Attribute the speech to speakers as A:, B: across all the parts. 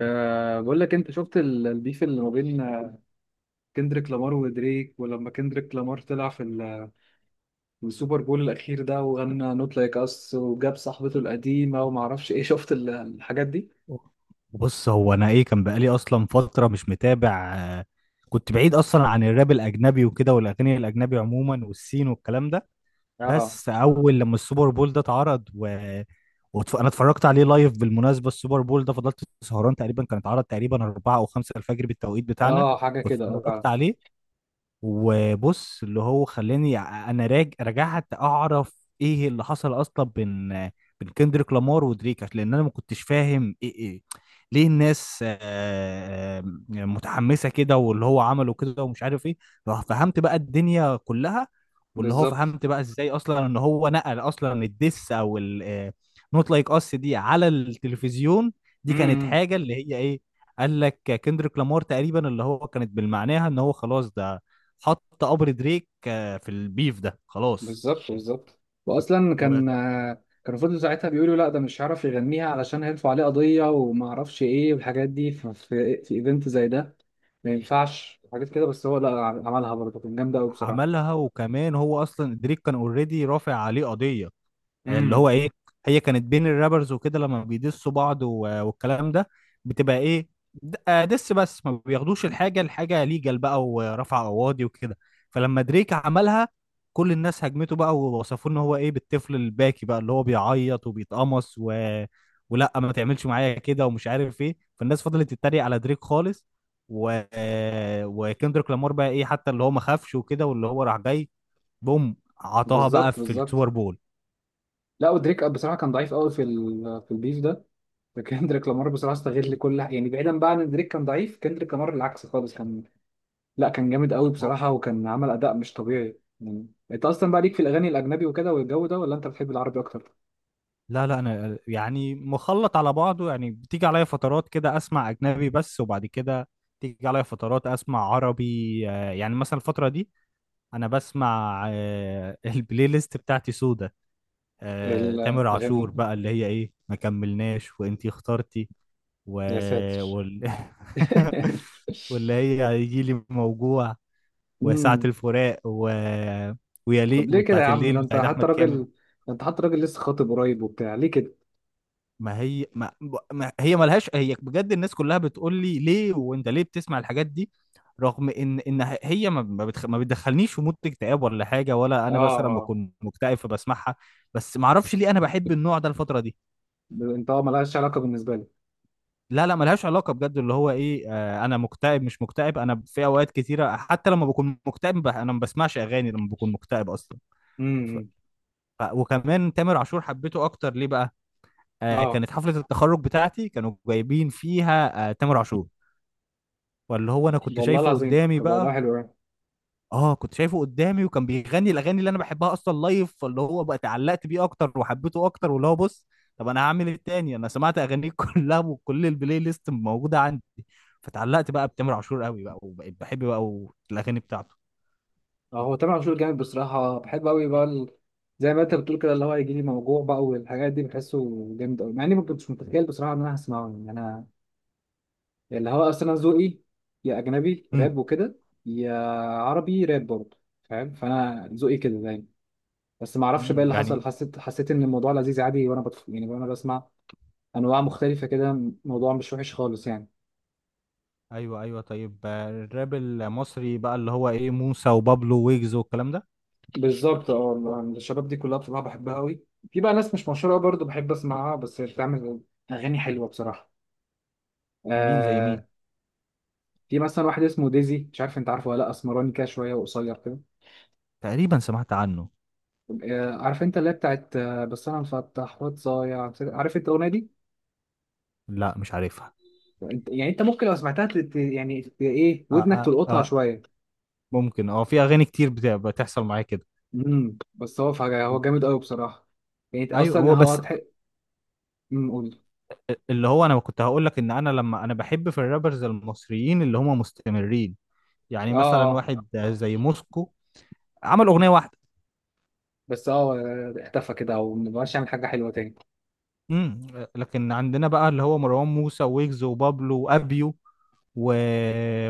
A: أه، بقول لك انت شفت البيف اللي ما بين كندريك لامار ودريك. ولما كندريك لامار طلع في السوبر بول الاخير ده وغنى نوت لايك اس وجاب صاحبته القديمه وما اعرفش ايه. شفت الحاجات دي.
B: بص هو انا ايه كان بقالي اصلا فتره مش متابع. كنت بعيد اصلا عن الراب الاجنبي وكده والاغاني الاجنبي عموما والسين والكلام ده.
A: اه،
B: بس اول لما السوبر بول ده اتعرض انا اتفرجت عليه لايف بالمناسبه، السوبر بول ده فضلت سهران تقريبا، كان اتعرض تقريبا 4 او 5 الفجر بالتوقيت بتاعنا
A: اه، حاجه كده، اه فعلا.
B: واتفرجت عليه. وبص اللي هو خلاني رجعت اعرف ايه اللي حصل اصلا بين بين كندريك لامار ودريك لان انا ما كنتش فاهم ايه ليه الناس آه، متحمسه كده واللي هو عمله كده ومش عارف ايه. ففهمت بقى الدنيا كلها واللي هو
A: بالظبط.
B: فهمت بقى ازاي اصلا ان هو نقل اصلا الدس او نوت لايك اس دي على التلفزيون. دي كانت
A: امم.
B: حاجه اللي هي ايه، قال لك كندريك لامار تقريبا اللي هو كانت بالمعناها ان هو خلاص ده حط قبر دريك في البيف ده خلاص.
A: بالظبط، بالظبط. واصلا كان،
B: وكم
A: كانوا فضلوا ساعتها بيقولوا لا ده مش هيعرف يغنيها علشان هيرفعوا عليه قضيه وما اعرفش ايه والحاجات دي في ايفنت زي ده ما ينفعش حاجات كده. بس هو لا عملها برضه، كان جامده قوي.
B: عملها، وكمان هو اصلا دريك كان اوريدي رافع عليه قضيه اللي
A: بصراحه.
B: هو ايه. هي كانت بين الرابرز وكده لما بيدسوا بعض والكلام ده، بتبقى ايه، دس بس ما بياخدوش الحاجه ليجال بقى ورفع قواضي وكده. فلما دريك عملها كل الناس هجمته بقى ووصفوه ان هو ايه، بالطفل الباكي بقى اللي هو بيعيط وبيتقمص ولا ما تعملش معايا كده ومش عارف ايه، فالناس فضلت تتريق على دريك خالص. و... آه، وكندريك لامار بقى ايه، حتى اللي هو ما خافش وكده واللي هو راح جاي بوم عطاها بقى
A: بالظبط،
B: في
A: بالظبط.
B: السوبر بول.
A: لا، ودريك بصراحه كان ضعيف قوي في في البيف ده. فكندريك لامار بصراحه استغل، كل يعني بعيدا بقى عن إن دريك كان ضعيف، كندريك لامار العكس خالص كان، لا كان جامد قوي بصراحه، وكان عمل اداء مش طبيعي. يعني انت اصلا بقى ليك في الاغاني الاجنبي وكده والجو ده، ولا انت بتحب العربي اكتر؟
B: لا لا انا يعني مخلط على بعضه، يعني بتيجي عليا فترات كده اسمع اجنبي بس، وبعد كده تيجي عليا فترات اسمع عربي. يعني مثلا الفترة دي انا بسمع البلاي ليست بتاعتي سودة. تامر عاشور
A: الاغاني.
B: بقى اللي هي ايه، ما كملناش وانتي اخترتي و...
A: يا ساتر.
B: وال... واللي هي هيجيلي موجوع وساعة
A: امم.
B: الفراق ويليق
A: طب ليه كده يا
B: وبتاعت
A: عم؟
B: الليل
A: ده انت
B: بتاعت
A: حتى
B: احمد كامل.
A: راجل، ده انت حتى راجل لسه خاطب قريب وبتاع، ليه كده؟
B: ما هي ما, ما هي ملهاش، هي بجد الناس كلها بتقول لي ليه وانت ليه بتسمع الحاجات دي، رغم ان هي ما بتدخلنيش في مود اكتئاب ولا حاجه، ولا
A: اه،
B: انا مثلا
A: اه.
B: بكون مكتئب فبسمعها، بس ما اعرفش ليه انا بحب النوع ده الفتره دي.
A: انت، اه ملهاش علاقه بالنسبه لي.
B: لا لا ملهاش علاقه بجد، اللي هو ايه آه، انا مكتئب مش مكتئب، انا في اوقات كتيره حتى لما بكون مكتئب انا ما بسمعش اغاني لما بكون مكتئب اصلا. ف...
A: امم.
B: وكمان تامر عاشور حبيته اكتر ليه بقى؟ آه
A: اه.
B: كانت حفله التخرج بتاعتي كانوا جايبين فيها آه تامر عاشور، فاللي هو انا كنت
A: والله
B: شايفه
A: العظيم،
B: قدامي
A: طب والله
B: بقى.
A: حلو أوي.
B: اه كنت شايفه قدامي وكان بيغني الاغاني اللي انا بحبها اصلا لايف، فاللي هو بقى اتعلقت بيه اكتر وحبيته اكتر. واللي هو بص، طب انا هعمل ايه تاني؟ انا سمعت اغانيه كلها وكل البلاي ليست موجوده عندي، فتعلقت بقى بتامر عاشور قوي بقى وبقيت بحب بقى الاغاني بتاعته.
A: اه، هو تامر عاشور جامد بصراحة، بحب أوي بقى زي ما أنت بتقول كده، اللي هو يجي لي موجوع بقى والحاجات دي، بحسه جامد أوي. مع إني ما كنتش متخيل بصراحة إن أنا هسمعه. يعني أنا، اللي هو أصلا أنا ذوقي، يا أجنبي
B: امم.
A: راب وكده، يا عربي راب برضه، فاهم. فأنا ذوقي كده دايما. بس ما أعرفش بقى
B: امم،
A: اللي
B: يعني.
A: حصل، حسيت، حسيت إن الموضوع لذيذ عادي، وأنا يعني وأنا بسمع أنواع مختلفة كده، الموضوع مش وحش خالص يعني.
B: ايوه ايوه طيب. الراب المصري بقى اللي هو ايه، موسى وبابلو ويجز والكلام ده،
A: بالظبط. اه، أنا الشباب دي كلها بصراحه بحبها قوي. في بقى ناس مش مشهوره برضه بحب اسمعها بس بتعمل اغاني حلوه بصراحه.
B: مين زي مين؟
A: آه. في مثلا واحد اسمه ديزي، مش عارف انت عارفه ولا لا، اسمراني كده شويه وقصير كده.
B: تقريبا سمعت عنه.
A: آه، عارف انت اللي هي بتاعت، بس انا مفتح واتضايع، عارف انت الاغنيه دي؟
B: لا مش عارفها.
A: انت يعني انت ممكن لو سمعتها يعني ايه،
B: آه
A: ودنك
B: آه
A: تلقطها
B: آه،
A: شويه.
B: ممكن اه، في اغاني كتير بتحصل معايا كده.
A: امم. بس هو فجأة هو
B: و-
A: جامد قوي بصراحه. يعني
B: ايوه
A: اصلا
B: هو
A: هو
B: بس،
A: امم، قول.
B: اللي هو انا كنت هقول لك ان انا لما انا بحب في الرابرز المصريين اللي هم مستمرين، يعني
A: اه،
B: مثلا
A: اه.
B: واحد زي موسكو عمل اغنيه واحده.
A: بس اه اختفى كده ومبقاش يعمل حاجه حلوه
B: امم. لكن عندنا بقى اللي هو مروان موسى ويجز وبابلو وابيو و...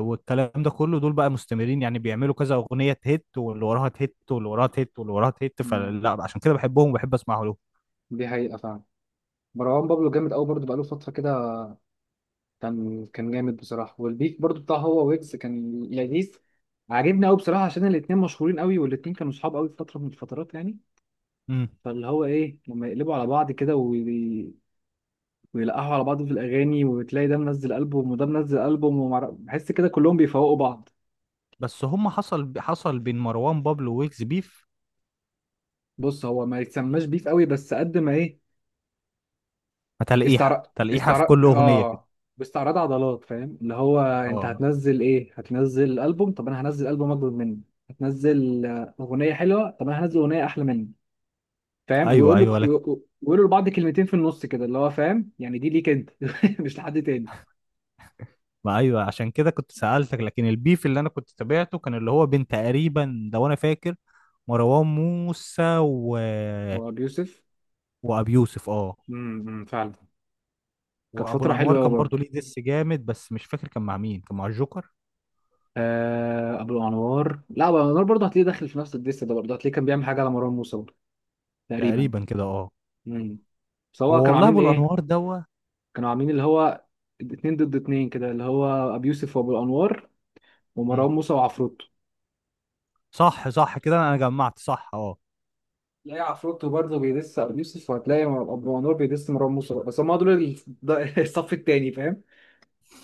B: والكلام ده كله، دول بقى مستمرين يعني بيعملوا كذا اغنيه تهت واللي وراها تهت واللي وراها تهت واللي وراها تهت،
A: تاني.
B: فلا عشان كده بحبهم وبحب اسمعه لهم.
A: دي حقيقة فعلا. مروان بابلو جامد أوي برضه، بقاله فترة كده. كان جامد بصراحة. والبيف برضه بتاع هو ويجز كان لذيذ، عاجبني أوي بصراحة، عشان الاتنين مشهورين أوي، والاتنين كانوا صحاب أوي في فترة من الفترات يعني.
B: امم.
A: فاللي هو إيه، لما يقلبوا على بعض كده ويلقحوا على بعض في الأغاني، وتلاقي ده منزل ألبوم وده منزل ألبوم، بحس كده كلهم بيفوقوا بعض.
B: بس هم حصل، حصل بين مروان بابلو ويجز بيف،
A: بص هو ما يتسماش بيف أوي، بس قد ما إيه، استعراض،
B: تلقيحة تلقيحة في
A: استعراض.
B: كل أغنية كده.
A: اه، باستعراض عضلات، فاهم. اللي هو انت
B: اه
A: هتنزل ايه، هتنزل البوم، طب انا هنزل البوم اكبر منه، هتنزل اغنيه حلوه، طب انا هنزل اغنيه احلى منه. فاهم.
B: أيوه
A: ويقول
B: أيوه
A: لك،
B: لك.
A: ويقولوا لبعض كلمتين في النص كده، اللي هو فاهم، يعني دي ليك انت. مش لحد تاني.
B: ما أيوه، عشان كده كنت سألتك. لكن البيف اللي أنا كنت تابعته كان اللي هو بين تقريبا لو أنا فاكر مروان موسى
A: هو ابو يوسف.
B: وأبي يوسف اه،
A: امم، أمم، فعلا. كانت
B: وأبو
A: فتره
B: الأنوار
A: حلوه قوي
B: كان
A: برضه.
B: برضو ليه ديس جامد، بس مش فاكر كان مع مين، كان مع الجوكر
A: آه، ابو انوار، لا ابو انوار برضه هتلاقيه داخل في نفس الديس ده، برضه هتلاقيه كان بيعمل حاجه على مروان موسى برضه تقريبا.
B: تقريبا كده اه.
A: امم. سواء
B: هو
A: كانوا
B: والله
A: عاملين
B: أبو
A: ايه،
B: الأنوار دوا.
A: كانوا عاملين اللي هو اتنين ضد اتنين كده، اللي هو أبي يوسف وأبو الأنوار،
B: مم.
A: ومروان موسى وعفروتو.
B: صح صح كده، أنا جمعت صح اه.
A: تلاقي عفروتو برضه بيدس أبو يوسف، وهتلاقي أبو أنوار بيدس مروان موسى. بس هم دول الصف التاني، فاهم.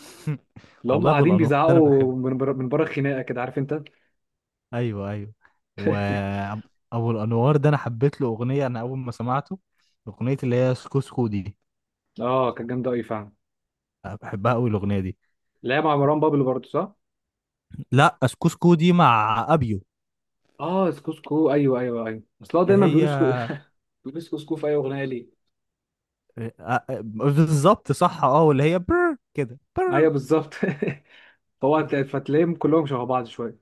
A: اللي هم
B: والله أبو
A: قاعدين
B: الأنوار ده أنا بحب،
A: بيزعقوا من بره، من بره الخناقة كده، عارف أنت.
B: ايوه ايوه، وابو الانوار ده انا حبيت له اغنيه، انا اول ما سمعته اغنيه اللي هي سكوسكو دي،
A: اه كانت جامدة أوي فعلا.
B: بحبها قوي الاغنيه دي.
A: اللي هي مع مروان بابلو برضه، صح؟
B: لا سكوسكو دي مع ابيو،
A: اه سكوسكو، ايوه ايوه ايوه، اصل هو
B: اللي
A: دايما
B: هي
A: بيقول سكو. بيقول سكوسكو في اي اغنيه ليه.
B: آه، بالظبط صح اه، واللي هي بر كده بر.
A: ايوه، بالظبط. فهو فتلاقيهم كلهم شبه بعض شويه.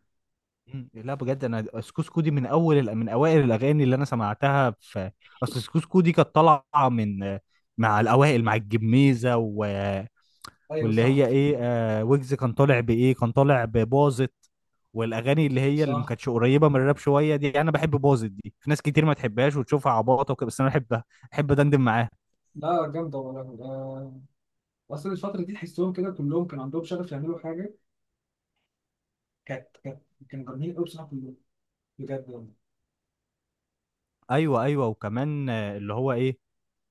B: مم. لا بجد انا سكوسكو دي من اول من اوائل الاغاني اللي انا سمعتها في، اصل سكوسكو دي كانت طالعه من مع الاوائل مع الجميزه
A: ايوه،
B: واللي هي
A: صح
B: ايه آه، ويجز كان طالع بايه، كان طالع بباظت. والاغاني اللي هي اللي ما
A: صح.
B: كانتش قريبه من الراب شويه دي انا بحب باظت دي، في ناس كتير ما تحبهاش وتشوفها عباطه وكده، بس انا بحبها، بحب دندن معاها.
A: لا جامدة والله. أصل الفترة دي تحسهم كده كلهم كان عندهم شغف يعملوا حاجة. كانت كانت كانوا جامدين أوي بصراحة كلهم، بجد يعني.
B: ايوه ايوه وكمان اللي هو ايه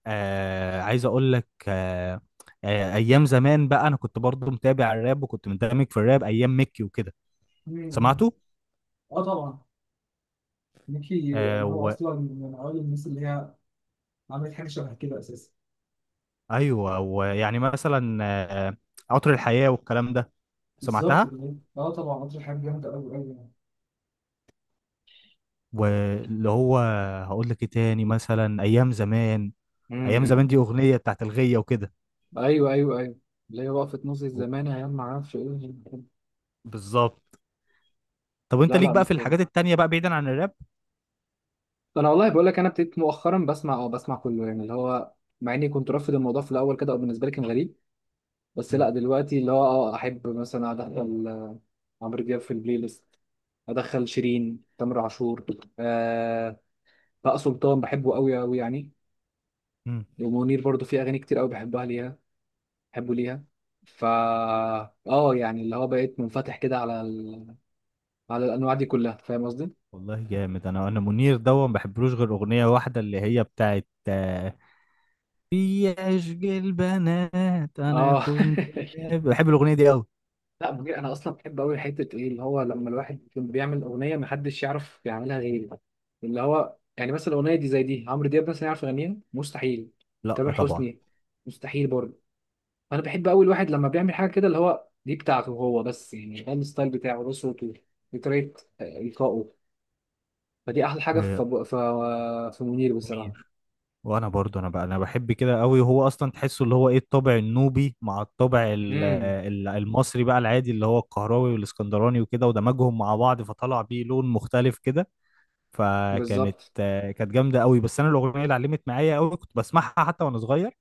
B: آه، عايز اقول لك آه، آه ايام زمان بقى انا كنت برضو متابع الراب وكنت مندمج في الراب ايام ميكي وكده،
A: مم.
B: سمعته.
A: أه طبعا. ميكي،
B: آه
A: أنا هو
B: و...
A: أصلا من أوائل الناس اللي هي عملت حاجة شبه كده أساسا.
B: ايوه، ويعني مثلا عطر الحياه والكلام ده،
A: بالظبط
B: سمعتها.
A: كده، أه طبعا، قطر حاجة جامدة أوي أوي يعني.
B: واللي هو هقول لك ايه تاني، مثلا ايام زمان، ايام زمان
A: امم.
B: دي اغنيه بتاعت الغيه وكده
A: ايوه ايوه ايوه، اللي هي وقفت نص
B: و-
A: الزمان، ايام ما اعرفش ايه.
B: بالظبط. طب انت
A: لا
B: ليك
A: لا،
B: بقى
A: مش
B: في
A: كامل.
B: الحاجات التانية بقى بعيدا عن الراب؟
A: انا والله بقول لك، انا ابتديت مؤخرا بسمع او بسمع كله يعني، اللي هو مع اني كنت رافض الموضوع في الاول كده، او بالنسبه لي كان غريب. بس
B: مم.
A: لا دلوقتي اللي هو اه احب مثلا ادخل عمرو دياب في البلاي ليست. ادخل شيرين، تامر عاشور، آه. بقى سلطان بحبه قوي قوي يعني.
B: مم.
A: ومنير برضو في اغاني كتير قوي بحبها ليها، بحبه ليها. فا، اه يعني اللي هو بقيت منفتح كده على على الانواع دي كلها، فاهم قصدي؟
B: والله جامد، انا انا منير دوا ما بحبلوش غير اغنيه واحده اللي هي بتاعت في عشق البنات، انا
A: اه.
B: كنت بحب الاغنيه دي قوي.
A: لا بجد، انا اصلا بحب قوي حته ايه، اللي هو لما الواحد يكون بيعمل اغنيه محدش يعرف يعملها غيري. اللي هو يعني مثلا الاغنيه دي، زي دي عمرو دياب مثلا يعرف يغنيها؟ مستحيل.
B: لا
A: تامر
B: طبعا.
A: حسني، مستحيل برضه. فانا بحب قوي الواحد لما بيعمل حاجه كده، اللي هو دي بتاعته هو بس، يعني ده الستايل بتاعه، ده صوته، دي طريقه القائه. فدي احلى حاجه في
B: آه،
A: في منير بصراحه.
B: منير، وانا برضو انا بقى انا بحب كده قوي، وهو اصلا تحسه اللي هو ايه، الطابع النوبي مع الطابع
A: امم.
B: المصري بقى العادي اللي هو القهراوي والاسكندراني وكده، ودمجهم مع بعض فطلع بيه لون مختلف كده، فكانت
A: بالظبط.
B: كانت جامده قوي. بس انا الاغنيه اللي علمت معايا قوي كنت بسمعها حتى وانا صغير،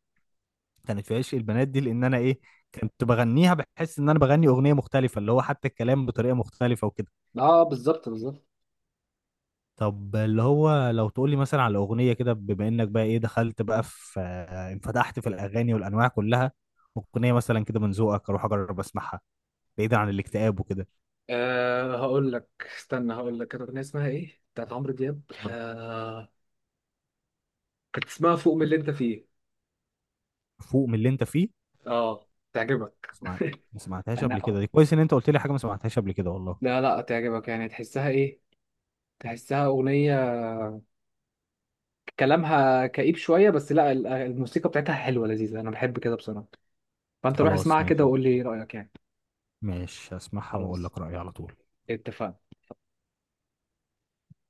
B: كانت في عشق البنات دي، لان انا ايه كنت بغنيها بحس ان انا بغني اغنيه مختلفه، اللي هو حتى الكلام بطريقه مختلفه وكده.
A: اه، بالظبط، بالظبط.
B: طب اللي هو لو تقولي مثلا على أغنية كده، بما إنك بقى إيه دخلت بقى في انفتحت في الأغاني والأنواع كلها، أغنية مثلا كده من ذوقك أروح أجرب أسمعها، بعيدا عن الاكتئاب وكده.
A: أه هقول لك، استنى هقول لك. كانت اغنيه اسمها ايه بتاعت عمرو دياب. أه، كانت اسمها فوق من اللي انت فيه.
B: فوق من اللي أنت فيه.
A: اه، تعجبك؟
B: اسمع، ما سمعتهاش قبل كده،
A: انا،
B: دي كويس إن أنت قلت لي حاجة ما سمعتهاش قبل كده والله.
A: لا لا، تعجبك يعني؟ تحسها ايه؟ تحسها اغنيه كلامها كئيب شويه، بس لا الموسيقى بتاعتها حلوه لذيذه، انا بحب كده بصراحه. فانت روح
B: خلاص
A: اسمعها كده
B: ماشي،
A: وقول لي رايك يعني.
B: ماشي هسمعها وأقول
A: خلاص،
B: لك رأيي على طول.
A: اتفقنا.